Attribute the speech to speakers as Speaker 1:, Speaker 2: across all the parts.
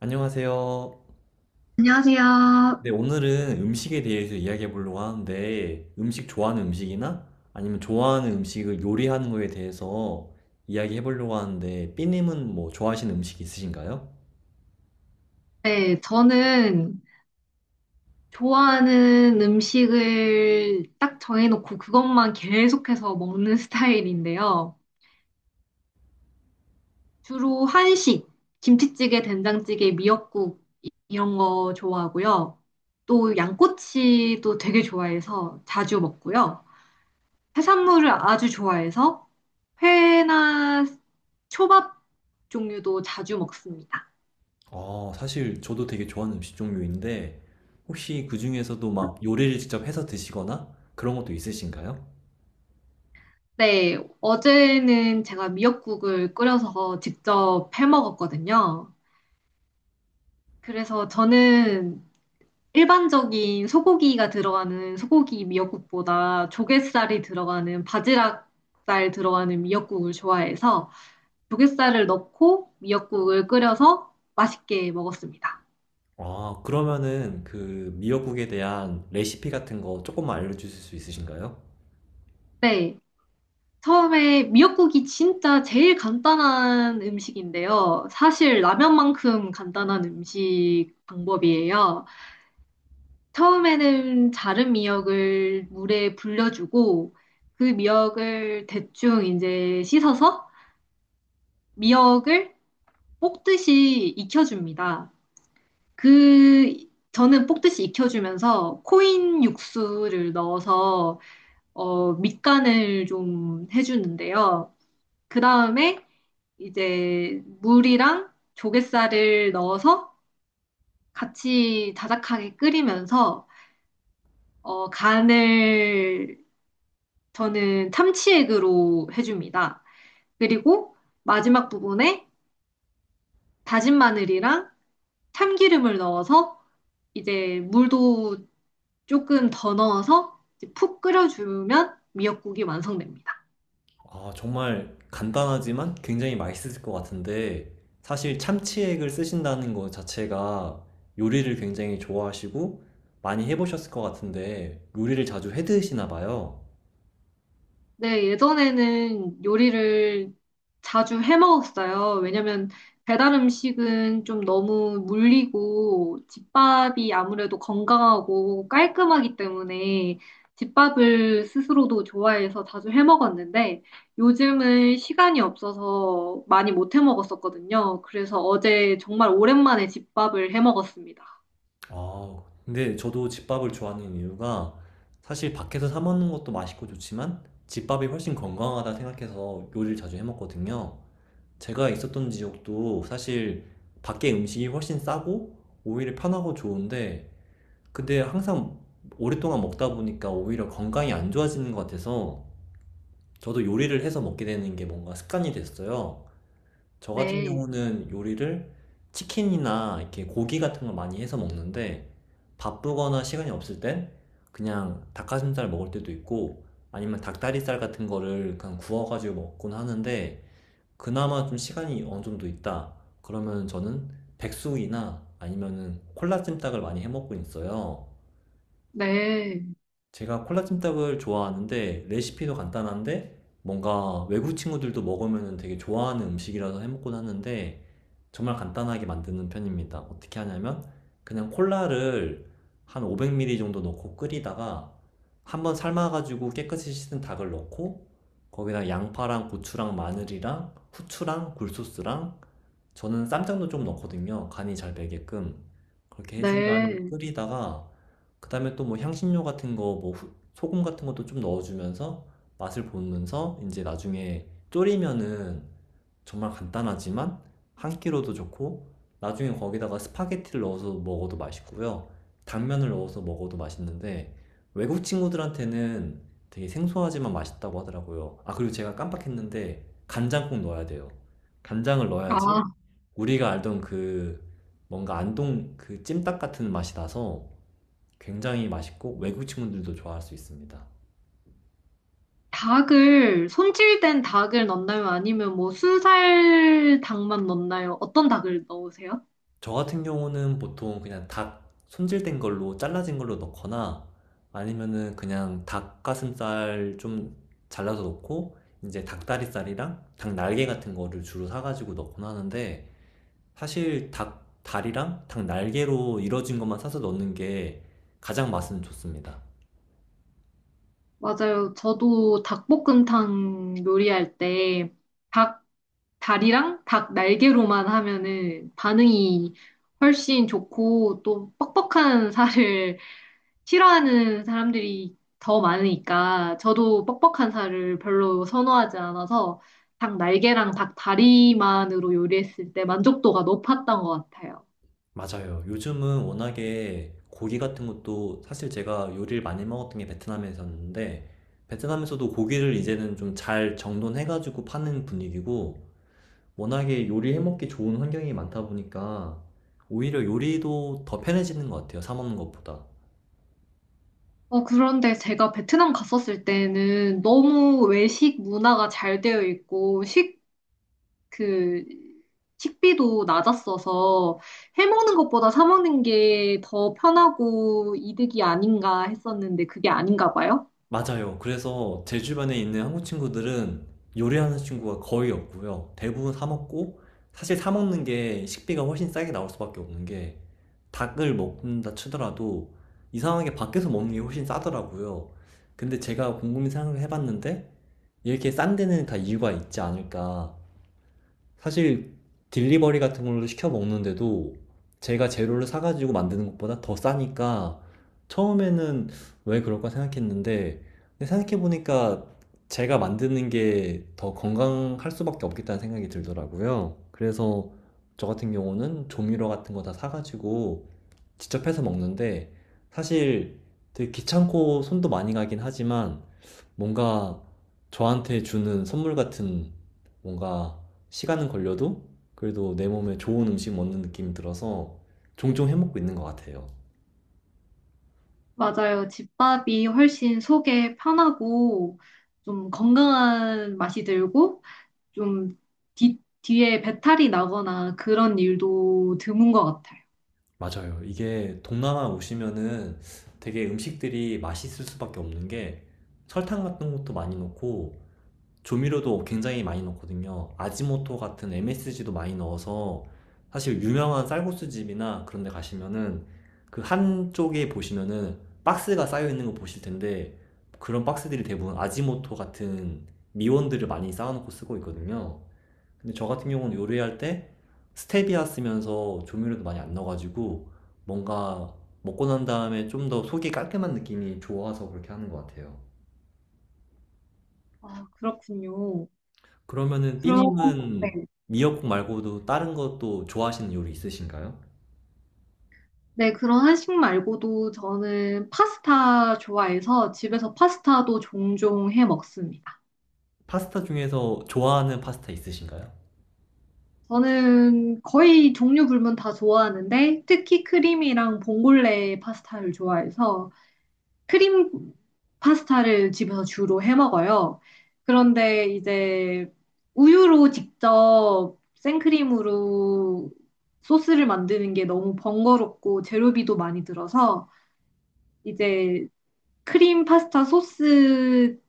Speaker 1: 안녕하세요.
Speaker 2: 안녕하세요.
Speaker 1: 네, 오늘은 음식에 대해서 이야기해 보려고 하는데, 음식 좋아하는 음식이나 아니면 좋아하는 음식을 요리하는 거에 대해서 이야기해 보려고 하는데, 삐님은 뭐 좋아하시는 음식 있으신가요?
Speaker 2: 네, 저는 좋아하는 음식을 딱 정해놓고 그것만 계속해서 먹는 스타일인데요. 주로 한식, 김치찌개, 된장찌개, 미역국 이런 거 좋아하고요. 또 양꼬치도 되게 좋아해서 자주 먹고요. 해산물을 아주 좋아해서 회나 초밥 종류도 자주 먹습니다.
Speaker 1: 아, 사실 저도 되게 좋아하는 음식 종류인데, 혹시 그 중에서도 막 요리를 직접 해서 드시거나 그런 것도 있으신가요?
Speaker 2: 네, 어제는 제가 미역국을 끓여서 직접 해 먹었거든요. 그래서 저는 일반적인 소고기가 들어가는 소고기 미역국보다 조갯살이 들어가는 바지락살 들어가는 미역국을 좋아해서 조갯살을 넣고 미역국을 끓여서 맛있게 먹었습니다.
Speaker 1: 아, 그러면은 그 미역국에 대한 레시피 같은 거 조금만 알려주실 수 있으신가요?
Speaker 2: 네. 처음에 미역국이 진짜 제일 간단한 음식인데요. 사실 라면만큼 간단한 음식 방법이에요. 처음에는 자른 미역을 물에 불려주고 그 미역을 대충 이제 씻어서 미역을 볶듯이 익혀줍니다. 그 저는 볶듯이 익혀주면서 코인 육수를 넣어서 밑간을 좀 해주는데요. 그 다음에 이제 물이랑 조갯살을 넣어서 같이 자작하게 끓이면서 간을 저는 참치액으로 해줍니다. 그리고 마지막 부분에 다진 마늘이랑 참기름을 넣어서 이제 물도 조금 더 넣어서 이제 푹 끓여주면 미역국이 완성됩니다.
Speaker 1: 아, 정말 간단하지만 굉장히 맛있을 것 같은데, 사실 참치액을 쓰신다는 것 자체가 요리를 굉장히 좋아하시고 많이 해보셨을 것 같은데, 요리를 자주 해 드시나 봐요.
Speaker 2: 네, 예전에는 요리를 자주 해 먹었어요. 왜냐면 배달 음식은 좀 너무 물리고 집밥이 아무래도 건강하고 깔끔하기 때문에 집밥을 스스로도 좋아해서 자주 해 먹었는데 요즘은 시간이 없어서 많이 못 해 먹었었거든요. 그래서 어제 정말 오랜만에 집밥을 해 먹었습니다.
Speaker 1: 아, 근데 저도 집밥을 좋아하는 이유가, 사실 밖에서 사 먹는 것도 맛있고 좋지만 집밥이 훨씬 건강하다 생각해서 요리를 자주 해 먹거든요. 제가 있었던 지역도 사실 밖에 음식이 훨씬 싸고 오히려 편하고 좋은데, 근데 항상 오랫동안 먹다 보니까 오히려 건강이 안 좋아지는 것 같아서, 저도 요리를 해서 먹게 되는 게 뭔가 습관이 됐어요. 저 같은
Speaker 2: 네,
Speaker 1: 경우는 요리를 치킨이나 이렇게 고기 같은 걸 많이 해서 먹는데, 바쁘거나 시간이 없을 땐 그냥 닭가슴살 먹을 때도 있고, 아니면 닭다리살 같은 거를 그냥 구워가지고 먹곤 하는데, 그나마 좀 시간이 어느 정도 있다, 그러면 저는 백숙이나 아니면은 콜라찜닭을 많이 해 먹고 있어요.
Speaker 2: 네,
Speaker 1: 제가 콜라찜닭을 좋아하는데, 레시피도 간단한데 뭔가 외국 친구들도 먹으면 되게 좋아하는 음식이라서 해먹곤 하는데, 정말 간단하게 만드는 편입니다. 어떻게 하냐면, 그냥 콜라를 한 500ml 정도 넣고 끓이다가, 한번 삶아가지고 깨끗이 씻은 닭을 넣고, 거기다 양파랑 고추랑 마늘이랑 후추랑 굴소스랑, 저는 쌈장도 좀 넣거든요, 간이 잘 배게끔. 그렇게 해준 다음에
Speaker 2: 네.
Speaker 1: 끓이다가, 그 다음에 또 뭐 향신료 같은 거, 뭐 소금 같은 것도 좀 넣어주면서 맛을 보면서 이제 나중에 졸이면은, 정말 간단하지만 한 끼로도 좋고, 나중에 거기다가 스파게티를 넣어서 먹어도 맛있고요. 당면을 넣어서 먹어도 맛있는데, 외국 친구들한테는 되게 생소하지만 맛있다고 하더라고요. 아, 그리고 제가 깜빡했는데, 간장 꼭 넣어야 돼요. 간장을 넣어야지
Speaker 2: 아.
Speaker 1: 우리가 알던 그 뭔가 안동 그 찜닭 같은 맛이 나서 굉장히 맛있고, 외국 친구들도 좋아할 수 있습니다.
Speaker 2: 닭을 손질된 닭을 넣나요? 아니면 뭐 순살 닭만 넣나요? 어떤 닭을 넣으세요?
Speaker 1: 저 같은 경우는 보통 그냥 닭 손질된 걸로 잘라진 걸로 넣거나 아니면은 그냥 닭가슴살 좀 잘라서 넣고, 이제 닭다리살이랑 닭 날개 같은 거를 주로 사가지고 넣곤 하는데, 사실 닭 다리랑 닭 날개로 이루어진 것만 사서 넣는 게 가장 맛은 좋습니다.
Speaker 2: 맞아요. 저도 닭볶음탕 요리할 때 닭 다리랑 닭 날개로만 하면은 반응이 훨씬 좋고 또 뻑뻑한 살을 싫어하는 사람들이 더 많으니까 저도 뻑뻑한 살을 별로 선호하지 않아서 닭 날개랑 닭 다리만으로 요리했을 때 만족도가 높았던 것 같아요.
Speaker 1: 맞아요. 요즘은 워낙에 고기 같은 것도, 사실 제가 요리를 많이 먹었던 게 베트남에서였는데, 베트남에서도 고기를 이제는 좀 잘 정돈해가지고 파는 분위기고, 워낙에 요리해 먹기 좋은 환경이 많다 보니까 오히려 요리도 더 편해지는 것 같아요, 사 먹는 것보다.
Speaker 2: 어, 그런데 제가 베트남 갔었을 때는 너무 외식 문화가 잘 되어 있고, 식 그 식비도 낮았어서 해먹는 것보다 사 먹는 게 더 편하고 이득이 아닌가 했었는데 그게 아닌가 봐요.
Speaker 1: 맞아요. 그래서 제 주변에 있는 한국 친구들은 요리하는 친구가 거의 없고요. 대부분 사 먹고, 사실 사 먹는 게 식비가 훨씬 싸게 나올 수밖에 없는 게, 닭을 먹는다 치더라도 이상하게 밖에서 먹는 게 훨씬 싸더라고요. 근데 제가 곰곰이 생각을 해봤는데, 이렇게 싼 데는 다 이유가 있지 않을까. 사실 딜리버리 같은 걸로 시켜 먹는데도 제가 재료를 사가지고 만드는 것보다 더 싸니까, 처음에는 왜 그럴까 생각했는데, 근데 생각해보니까 제가 만드는 게 더 건강할 수밖에 없겠다는 생각이 들더라고요. 그래서 저 같은 경우는 조미료 같은 거 다 사가지고 직접 해서 먹는데, 사실 되게 귀찮고 손도 많이 가긴 하지만, 뭔가 저한테 주는 선물 같은, 뭔가 시간은 걸려도 그래도 내 몸에 좋은 음식 먹는 느낌이 들어서 종종 해먹고 있는 것 같아요.
Speaker 2: 맞아요. 집밥이 훨씬 속에 편하고 좀 건강한 맛이 들고 좀 뒤에 배탈이 나거나 그런 일도 드문 것 같아요.
Speaker 1: 맞아요. 이게 동남아 오시면은 되게 음식들이 맛있을 수밖에 없는 게, 설탕 같은 것도 많이 넣고 조미료도 굉장히 많이 넣거든요. 아지모토 같은 MSG도 많이 넣어서, 사실 유명한 쌀국수 집이나 그런 데 가시면은 그 한쪽에 보시면은 박스가 쌓여 있는 거 보실 텐데, 그런 박스들이 대부분 아지모토 같은 미원들을 많이 쌓아놓고 쓰고 있거든요. 근데 저 같은 경우는 요리할 때 스테비아 쓰면서 조미료도 많이 안 넣어가지고, 뭔가 먹고 난 다음에 좀 더 속이 깔끔한 느낌이 좋아서 그렇게 하는 것 같아요.
Speaker 2: 아, 그렇군요.
Speaker 1: 그러면은
Speaker 2: 그럼, 네.
Speaker 1: 삐님은 미역국 말고도 다른 것도 좋아하시는 요리 있으신가요?
Speaker 2: 네, 그런 한식 말고도 저는 파스타 좋아해서 집에서 파스타도 종종 해 먹습니다.
Speaker 1: 파스타 중에서 좋아하는 파스타 있으신가요?
Speaker 2: 저는 거의 종류 불문 다 좋아하는데 특히 크림이랑 봉골레 파스타를 좋아해서 크림 파스타를 집에서 주로 해 먹어요. 그런데 이제 우유로 직접 생크림으로 소스를 만드는 게 너무 번거롭고 재료비도 많이 들어서 이제 크림 파스타 소스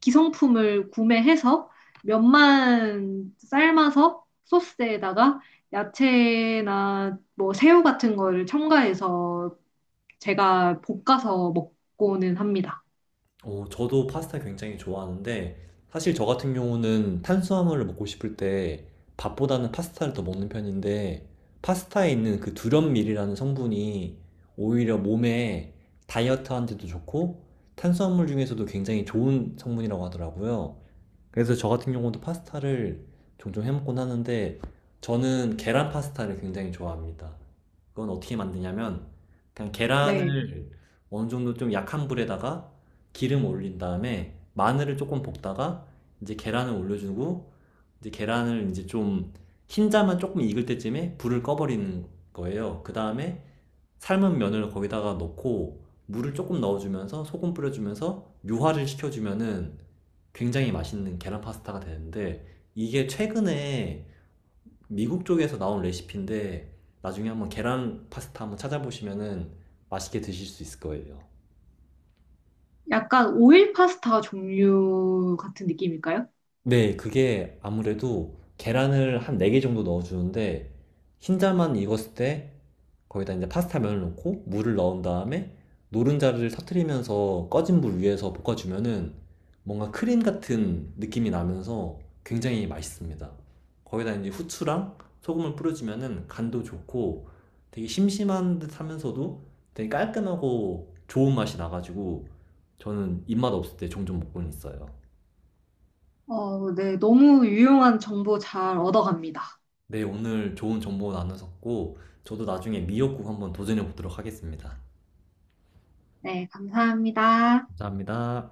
Speaker 2: 기성품을 구매해서 면만 삶아서 소스에다가 야채나 뭐 새우 같은 거를 첨가해서 제가 볶아서 먹고는 합니다.
Speaker 1: 어, 저도 파스타 굉장히 좋아하는데, 사실 저 같은 경우는 탄수화물을 먹고 싶을 때 밥보다는 파스타를 더 먹는 편인데, 파스타에 있는 그 두련밀이라는 성분이 오히려 몸에, 다이어트하는데도 좋고 탄수화물 중에서도 굉장히 좋은 성분이라고 하더라고요. 그래서 저 같은 경우도 파스타를 종종 해 먹곤 하는데, 저는 계란 파스타를 굉장히 좋아합니다. 그건 어떻게 만드냐면, 그냥
Speaker 2: 네.
Speaker 1: 계란을 어느 정도 좀 약한 불에다가 기름 올린 다음에 마늘을 조금 볶다가 이제 계란을 올려주고, 이제 계란을 이제 좀 흰자만 조금 익을 때쯤에 불을 꺼버리는 거예요. 그 다음에 삶은 면을 거기다가 넣고 물을 조금 넣어주면서 소금 뿌려주면서 묘화를 시켜주면은 굉장히 맛있는 계란 파스타가 되는데, 이게 최근에 미국 쪽에서 나온 레시피인데, 나중에 한번 계란 파스타 한번 찾아보시면은 맛있게 드실 수 있을 거예요.
Speaker 2: 약간 오일 파스타 종류 같은 느낌일까요?
Speaker 1: 네, 그게 아무래도 계란을 한 4개 정도 넣어주는데, 흰자만 익었을 때 거기다 이제 파스타 면을 넣고 물을 넣은 다음에 노른자를 터트리면서 꺼진 불 위에서 볶아주면은 뭔가 크림 같은 느낌이 나면서 굉장히 맛있습니다. 거기다 이제 후추랑 소금을 뿌려주면은 간도 좋고, 되게 심심한 듯 하면서도 되게 깔끔하고 좋은 맛이 나가지고 저는 입맛 없을 때 종종 먹곤 있어요.
Speaker 2: 어, 네. 너무 유용한 정보 잘 얻어갑니다.
Speaker 1: 네, 오늘 좋은 정보 나눴었고, 저도 나중에 미역국 한번 도전해 보도록 하겠습니다.
Speaker 2: 네. 감사합니다.
Speaker 1: 감사합니다.